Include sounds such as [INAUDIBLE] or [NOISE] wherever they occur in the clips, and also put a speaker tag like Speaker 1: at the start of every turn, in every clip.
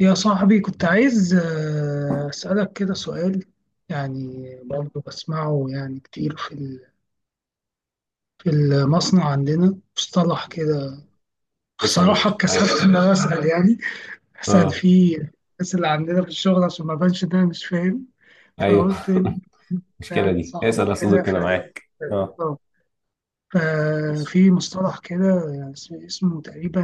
Speaker 1: يا صاحبي كنت عايز أسألك كده سؤال يعني برضه بسمعه يعني كتير في المصنع عندنا مصطلح كده.
Speaker 2: اسأل يا
Speaker 1: بصراحة
Speaker 2: باشا،
Speaker 1: اتكسفت
Speaker 2: معاك.
Speaker 1: إن أنا أسأل يعني أسأل
Speaker 2: اه
Speaker 1: فيه الناس اللي عندنا في الشغل عشان ما أبانش إن أنا مش فاهم،
Speaker 2: ايوه
Speaker 1: فقلت إنت
Speaker 2: [LAUGHS] المشكلة
Speaker 1: يعني
Speaker 2: دي،
Speaker 1: صاحبي
Speaker 2: اسأل يا
Speaker 1: كده
Speaker 2: صديقي، انا معاك. اه
Speaker 1: آه.
Speaker 2: اسأل.
Speaker 1: ففي مصطلح كده يعني اسمه تقريبا،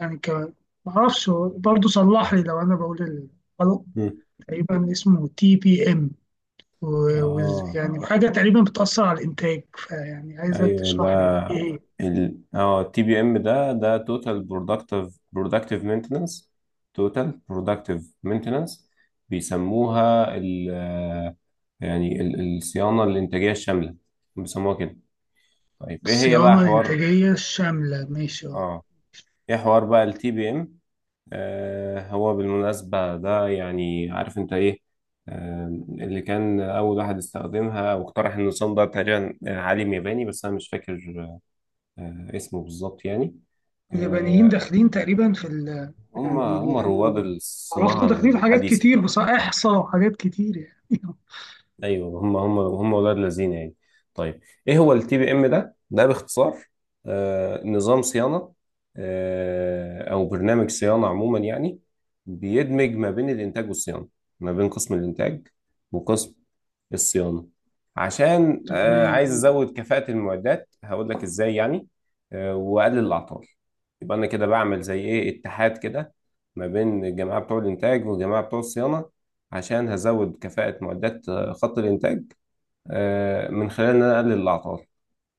Speaker 1: يعني ك... معرفش، برضه صلح لي لو أنا بقول الغلط.
Speaker 2: مم.
Speaker 1: تقريبا اسمه تي بي ام،
Speaker 2: اه،
Speaker 1: يعني اه حاجة تقريبا بتأثر على الإنتاج، فيعني عايزك
Speaker 2: ايوه ده
Speaker 1: تشرح لي إيه هي
Speaker 2: ال اه التي بي ام، ده توتال برودكتيف مينتننس، توتال برودكتيف مينتننس. بيسموها ال آه، يعني الصيانة الإنتاجية الشاملة، بيسموها كده. طيب ايه هي بقى
Speaker 1: الصيانة
Speaker 2: حوار؟
Speaker 1: الإنتاجية الشاملة. ماشي أه.
Speaker 2: اه ايه حوار بقى التي بي ام؟ هو بالمناسبة ده، يعني عارف انت ايه؟ اللي كان أول واحد استخدمها واقترح النظام ده تقريبا عالم ياباني بس أنا مش فاكر اسمه بالظبط يعني.
Speaker 1: اليابانيين
Speaker 2: آه،
Speaker 1: داخلين تقريبا
Speaker 2: هم
Speaker 1: يعني
Speaker 2: هم
Speaker 1: اللي
Speaker 2: رواد
Speaker 1: أنا
Speaker 2: الصناعة
Speaker 1: عرفته داخلين في حاجات
Speaker 2: الحديثة.
Speaker 1: كتير بصراحة، إحصاء وحاجات كتير يعني [LAUGHS]
Speaker 2: ايوه هم ولاد لذين يعني. طيب، ايه هو التي بي ام ده؟ باختصار، نظام صيانه، او برنامج صيانه عموما يعني، بيدمج ما بين الانتاج والصيانه، ما بين قسم الانتاج وقسم الصيانه، عشان عايز
Speaker 1: تمام.
Speaker 2: ازود كفاءه المعدات. هقول لك ازاي يعني، واقلل الاعطال. يبقى انا كده بعمل زي ايه؟ اتحاد كده ما بين الجماعه بتوع الانتاج والجماعه بتوع الصيانه، عشان هزود كفاءة معدات خط الإنتاج، من خلال إن أنا أقلل الأعطال.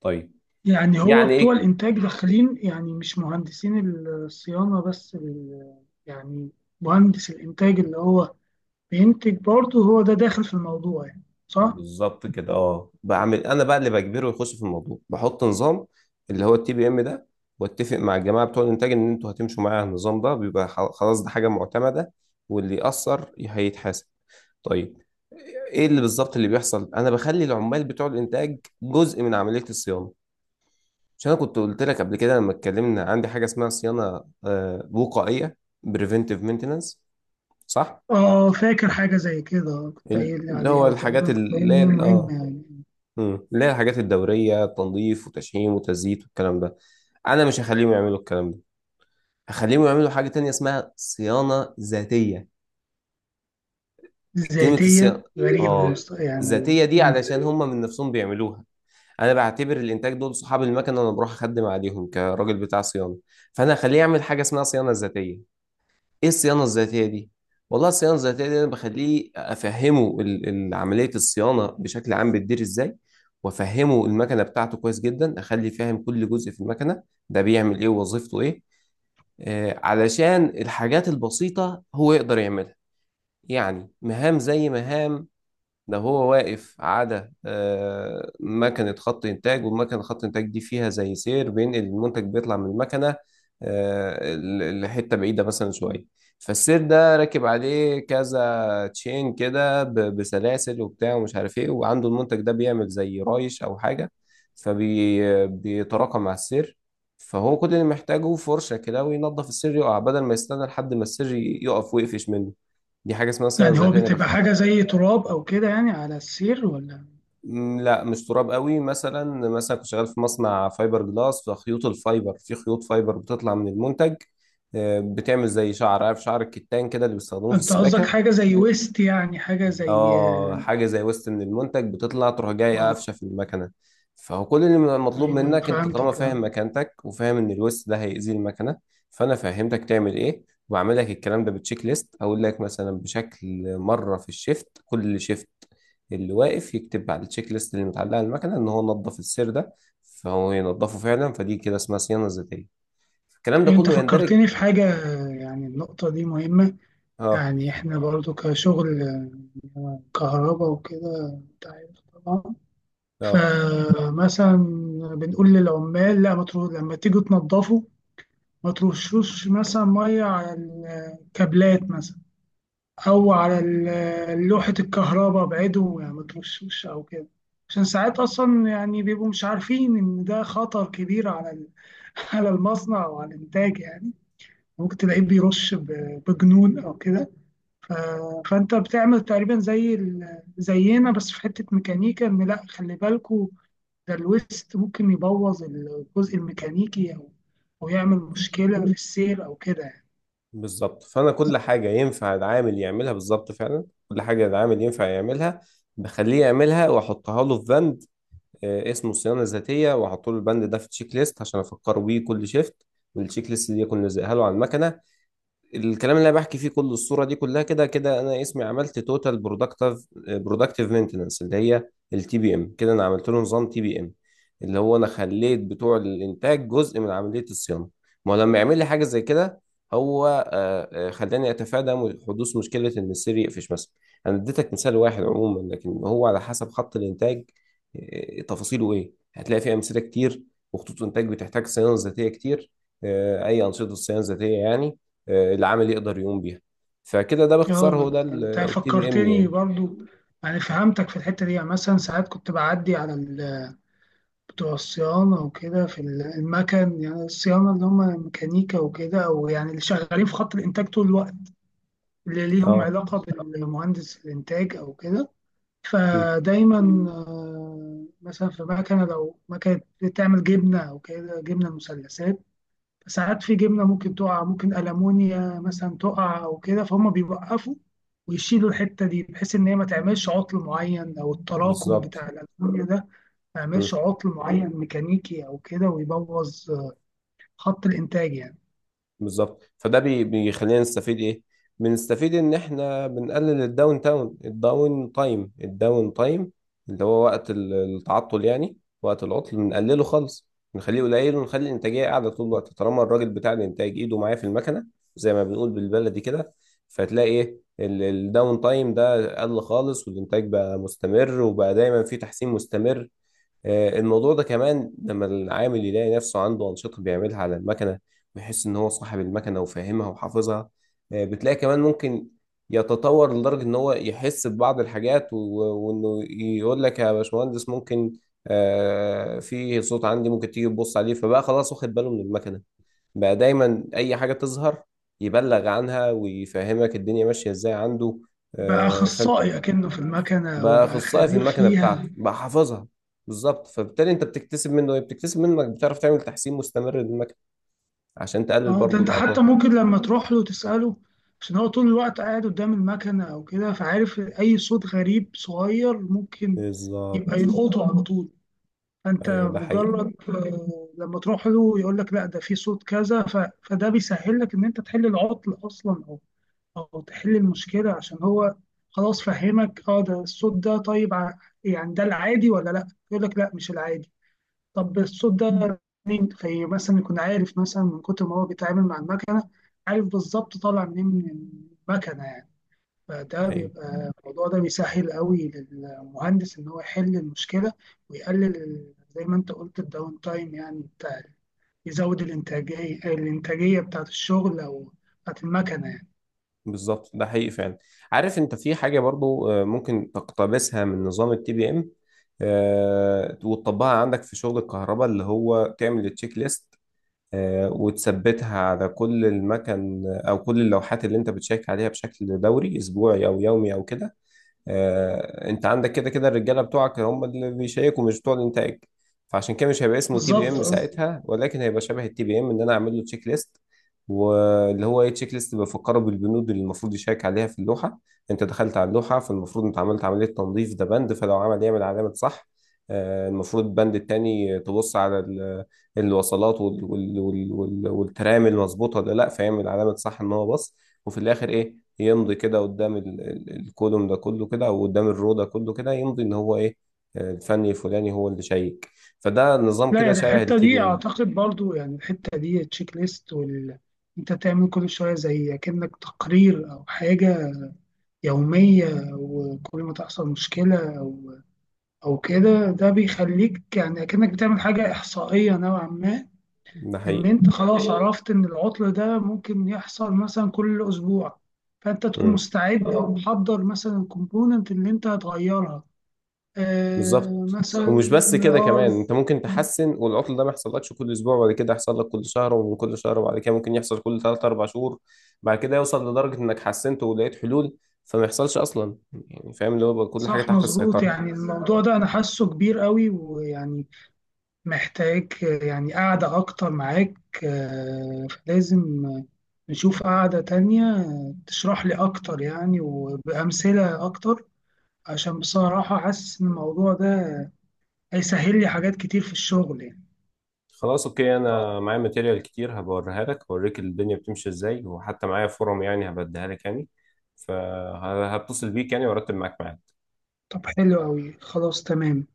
Speaker 2: طيب،
Speaker 1: يعني هو
Speaker 2: يعني
Speaker 1: بتوع
Speaker 2: إيه
Speaker 1: الإنتاج داخلين يعني مش مهندسين الصيانة يعني مهندس الإنتاج اللي هو بينتج برضه، هو ده داخل في الموضوع يعني، صح؟
Speaker 2: بالظبط كده؟ بعمل أنا بقى اللي بجبره يخش في الموضوع، بحط نظام، اللي هو التي بي إم ده، واتفق مع الجماعة بتوع الإنتاج إن أنتوا هتمشوا معايا على النظام ده. بيبقى خلاص ده حاجة معتمدة واللي يأثر هيتحاسب. طيب، إيه اللي بالظبط اللي بيحصل؟ أنا بخلي العمال بتوع الإنتاج جزء من عملية الصيانة. مش انا كنت قلت لك قبل كده لما اتكلمنا عندي حاجه اسمها صيانه وقائيه، بريفنتيف مينتنانس؟ صح.
Speaker 1: اه فاكر حاجة زي كده، كنت قايل لي
Speaker 2: اللي
Speaker 1: عليها
Speaker 2: هو
Speaker 1: وتقريبا
Speaker 2: الحاجات
Speaker 1: كنت
Speaker 2: اللي
Speaker 1: قايل لي
Speaker 2: هي
Speaker 1: مهمة يعني.
Speaker 2: مم. اللي هي الحاجات الدوريه، تنظيف وتشحيم وتزييت والكلام ده. انا مش هخليهم يعملوا الكلام ده، هخليهم يعملوا حاجه تانية اسمها صيانه ذاتيه. كلمه
Speaker 1: ذاتية
Speaker 2: الصيانه
Speaker 1: غريب
Speaker 2: اه
Speaker 1: يعني
Speaker 2: ذاتيه دي،
Speaker 1: مم.
Speaker 2: علشان هم من نفسهم بيعملوها. انا بعتبر الانتاج دول صحاب المكنه، انا بروح اخدم عليهم كراجل بتاع صيانه، فانا هخليه يعمل حاجه اسمها صيانه ذاتيه. ايه الصيانه الذاتيه دي؟ والله الصيانه الذاتيه دي انا بخليه افهمه عمليه الصيانه بشكل عام بتدير ازاي، وافهمه المكنه بتاعته كويس جدا، اخلي فاهم كل جزء في المكنه ده بيعمل ايه ووظيفته ايه، آه علشان الحاجات البسيطه هو يقدر يعملها. يعني مهام زي مهام، ده هو واقف على مكنة خط إنتاج، والمكنة خط إنتاج دي فيها زي سير بينقل المنتج، بيطلع من المكنة لحتة بعيدة مثلا شوية. فالسير ده راكب عليه كذا تشين كده بسلاسل وبتاع ومش عارف ايه، وعنده المنتج ده بيعمل زي رايش أو حاجة فبيتراكم مع السير. فهو كل اللي محتاجه فرشة كده، وينظف السير يقع، بدل ما يستنى لحد ما السير يقف ويقفش منه. دي حاجة اسمها صيانة
Speaker 1: يعني هو
Speaker 2: ذاتية.
Speaker 1: بتبقى حاجة زي تراب أو كده يعني على السير ولا؟
Speaker 2: مم، لا مش تراب قوي. مثلا، مثلا كنت شغال في مصنع فايبر جلاس، فخيوط الفايبر، في خيوط فايبر بتطلع من المنتج، بتعمل زي شعر، عارف شعر الكتان كده اللي بيستخدموه في
Speaker 1: أنت قصدك
Speaker 2: السباكة.
Speaker 1: حاجة زي ويست، يعني حاجة زي.
Speaker 2: اه، حاجه زي وسط، من المنتج بتطلع تروح جاي
Speaker 1: اه،
Speaker 2: قافشه في المكنه. فهو كل اللي مطلوب
Speaker 1: أيوه أيوة،
Speaker 2: منك، انت طالما
Speaker 1: فهمتك
Speaker 2: فاهم
Speaker 1: اه.
Speaker 2: مكانتك وفاهم ان الوسط ده هيأذي المكنه، فانا فهمتك تعمل ايه. وبعمل لك الكلام ده بتشيك ليست، اقول لك مثلا بشكل مره في الشيفت، كل شيفت اللي واقف يكتب على التشيك ليست اللي متعلقه على المكنه ان هو نظف السير ده. فهو ينظفه فعلا، فدي كده اسمها صيانه ذاتيه. الكلام ده
Speaker 1: أنت
Speaker 2: كله يندرج.
Speaker 1: فكرتني في حاجة، يعني النقطة دي مهمة.
Speaker 2: اه
Speaker 1: يعني إحنا برضو كشغل كهرباء وكده أنت عارف طبعا.
Speaker 2: اه،
Speaker 1: فمثلا بنقول للعمال لا ما تروح لما تيجوا تنظفوا، ما ترشوش مثلا ميه على الكابلات مثلا، او على لوحه الكهرباء، ابعدوا يعني ما ترشوش او كده. عشان ساعات اصلا يعني بيبقوا مش عارفين ان ده خطر كبير [LAUGHS] على المصنع او على الانتاج يعني. ممكن تلاقيه بيرش بجنون او كده، ف... فانت بتعمل تقريبا زينا بس في حته ميكانيكا، ان لا خلي بالكوا ده الويست ممكن يبوظ الجزء الميكانيكي او او يعمل مشكله في السير او كده يعني.
Speaker 2: بالظبط. فانا كل حاجه ينفع العامل يعملها، بالظبط فعلا كل حاجه العامل ينفع يعملها بخليه يعملها، واحطها له في بند اسمه صيانه ذاتيه، واحط له البند ده في تشيك ليست عشان افكره بيه كل شيفت، والتشيك ليست دي اكون لازقها له على المكنه. الكلام اللي انا بحكي فيه كله، الصوره دي كلها كده، كده انا اسمي عملت توتال برودكتيف مينتنس، اللي هي التي بي ام. كده انا عملت له نظام تي بي ام، اللي هو انا خليت بتوع الانتاج جزء من عمليه الصيانه. ما هو لما يعمل لي حاجه زي كده، هو خلاني اتفادى حدوث مشكله ان السير يقفش مثلا. انا اديتك مثال واحد عموما، لكن هو على حسب خط الانتاج تفاصيله ايه، هتلاقي فيه امثله كتير، وخطوط انتاج بتحتاج صيانه ذاتيه كتير. اي انشطه صيانه ذاتيه يعني العامل يقدر يقوم بيها. فكده ده
Speaker 1: اه
Speaker 2: باختصار
Speaker 1: ما
Speaker 2: هو ده
Speaker 1: أنا- انت
Speaker 2: التي بي ام
Speaker 1: فكرتني
Speaker 2: يعني.
Speaker 1: برضو يعني فهمتك في الحته دي. يعني مثلا ساعات كنت بعدي بتوع الصيانه وكده في المكن، يعني الصيانه اللي هم ميكانيكا وكده او يعني اللي شغالين في خط الانتاج طول الوقت اللي ليهم
Speaker 2: اه.
Speaker 1: علاقه بالمهندس الانتاج او كده.
Speaker 2: مم.
Speaker 1: فدايما آه، مثلا في مكنه، لو مكنه بتعمل جبنه او كده جبنه مثلثات، ساعات في جبنة ممكن تقع، ممكن ألمونيا مثلا تقع أو كده، فهم بيوقفوا ويشيلوا الحتة دي بحيث إن هي ما تعملش عطل معين، أو التراكم
Speaker 2: بالظبط.
Speaker 1: بتاع الألمونيا ده ما يعملش
Speaker 2: مم.
Speaker 1: عطل معين ميكانيكي أو كده ويبوظ خط الإنتاج يعني.
Speaker 2: بالظبط. فده بيخلينا نستفيد ايه؟ بنستفيد ان احنا بنقلل الداون تاون، الداون تايم، الداون تايم اللي هو وقت التعطل، يعني وقت العطل بنقلله خالص، نخليه قليل، ونخلي الانتاجيه قاعده طول الوقت، طالما الراجل بتاع الانتاج ايده معاه في المكنه، زي ما بنقول بالبلدي كده. فتلاقي ايه، الداون تايم ده قل خالص والانتاج بقى مستمر وبقى دايما في تحسين مستمر. الموضوع ده كمان، لما العامل يلاقي نفسه عنده أنشطة بيعملها على المكنة، ويحس إن هو صاحب المكنة وفاهمها وحافظها، بتلاقي كمان ممكن يتطور لدرجة إن هو يحس ببعض الحاجات وإنه يقول لك يا باشمهندس ممكن في صوت عندي، ممكن تيجي تبص عليه. فبقى خلاص واخد باله من المكنة، بقى دايما أي حاجة تظهر يبلغ عنها ويفهمك الدنيا ماشية إزاي عنده.
Speaker 1: بقى
Speaker 2: فأنت
Speaker 1: أخصائي أكنه في المكنة
Speaker 2: بقى
Speaker 1: وبقى
Speaker 2: اخصائي في
Speaker 1: خبير
Speaker 2: المكنه بتاعته،
Speaker 1: فيها.
Speaker 2: بقى حافظها. بالظبط. فبالتالي انت بتكتسب منه ايه؟ بتكتسب منك بتعرف تعمل تحسين مستمر للمكنه عشان تقلل
Speaker 1: اه ده
Speaker 2: برضو
Speaker 1: أنت
Speaker 2: الاعطال.
Speaker 1: حتى ممكن لما تروح له تسأله، عشان هو طول الوقت قاعد قدام المكنة أو كده فعارف أي صوت غريب صغير ممكن يبقى
Speaker 2: بالظبط.
Speaker 1: يلقطه على طول. فانت
Speaker 2: ايوه، ده حقيقي.
Speaker 1: مجرد آه، لما تروح له يقول لك لا ده في صوت كذا، فده بيسهل لك ان انت تحل العطل اصلا او او تحل المشكله، عشان هو خلاص فهمك اه ده الصوت ده. طيب يعني ده العادي ولا لا، يقول لك لا مش العادي. طب الصوت ده منين؟ في مثلا يكون عارف مثلا من كتر ما هو بيتعامل مع المكنه، عارف بالظبط طالع منين من المكنه يعني. فده
Speaker 2: ايوه،
Speaker 1: بيبقى الموضوع ده بيسهل قوي للمهندس ان هو يحل المشكله ويقلل زي ما انت قلت الداون تايم يعني بتاع، يزود الانتاجيه بتاعت الشغل او بتاعت المكنه يعني.
Speaker 2: بالظبط، ده حقيقي فعلا. عارف انت في حاجه برضو ممكن تقتبسها من نظام التي بي ام وتطبقها عندك في شغل الكهرباء، اللي هو تعمل التشيك ليست وتثبتها على كل المكن او كل اللوحات اللي انت بتشيك عليها بشكل دوري اسبوعي او يومي او كده. انت عندك كده كده الرجاله بتوعك هم اللي بيشيكوا مش بتوع الانتاج، فعشان كده مش هيبقى اسمه تي بي
Speaker 1: بالظبط
Speaker 2: ام
Speaker 1: آه.
Speaker 2: ساعتها، ولكن هيبقى شبه التي بي ام، ان انا اعمل له تشيك ليست. واللي هو ايه تشيك ليست؟ بفكره بالبنود اللي المفروض يشيك عليها في اللوحه. انت دخلت على اللوحه، فالمفروض انت عملت عمليه تنظيف، ده بند، فلو عمل يعمل علامه صح. المفروض البند التاني، تبص على الوصلات والترام، المظبوطه ولا لا، فيعمل علامه صح ان هو بص. وفي الاخر ايه، يمضي كده قدام الكولوم ده كله كده، او قدام الرو ده كله كده، يمضي ان هو ايه الفني الفلاني هو اللي شيك. فده نظام
Speaker 1: لا
Speaker 2: كده
Speaker 1: يعني
Speaker 2: شبه
Speaker 1: الحته
Speaker 2: التي
Speaker 1: دي
Speaker 2: بي ام.
Speaker 1: اعتقد برضو يعني الحته دي التشيك ليست وال انت تعمل كل شويه زي كأنك تقرير او حاجه يوميه، وكل ما تحصل مشكله او او كده، ده بيخليك يعني كأنك بتعمل حاجه احصائيه نوعا ما،
Speaker 2: ده
Speaker 1: ان
Speaker 2: حقيقي.
Speaker 1: انت خلاص عرفت ان العطل ده ممكن يحصل مثلا كل اسبوع، فانت تكون
Speaker 2: امم.
Speaker 1: مستعد او محضر مثلا الكومبوننت اللي انت هتغيرها آه
Speaker 2: بالظبط. ومش
Speaker 1: مثلا
Speaker 2: بس كده،
Speaker 1: اه.
Speaker 2: كمان انت ممكن تحسن والعطل ده ما يحصلكش كل اسبوع، وبعد كده يحصل لك كل شهر، ومن كل شهر وبعد كده ممكن يحصل كل 3 4 شهور، بعد كده يوصل لدرجة انك حسنت ولقيت حلول فما يحصلش اصلا. يعني فاهم اللي هو، يبقى كل حاجة
Speaker 1: صح
Speaker 2: تحت
Speaker 1: مظبوط.
Speaker 2: السيطرة.
Speaker 1: يعني الموضوع ده انا حاسه كبير قوي ويعني محتاج آه، يعني قاعدة اكتر معاك آه، فلازم آه، نشوف قاعدة تانية تشرح لي اكتر يعني وبأمثلة اكتر، عشان بصراحة حاسس ان الموضوع ده هيسهل لي حاجات كتير في الشغل يعني.
Speaker 2: خلاص اوكي، انا معايا ماتيريال كتير هبوريها لك، هوريك الدنيا بتمشي ازاي، وحتى معايا فورم يعني هبديها لك يعني، فهتصل بيك يعني وارتب معاك معاها.
Speaker 1: طب حلو قوي، خلاص تمام.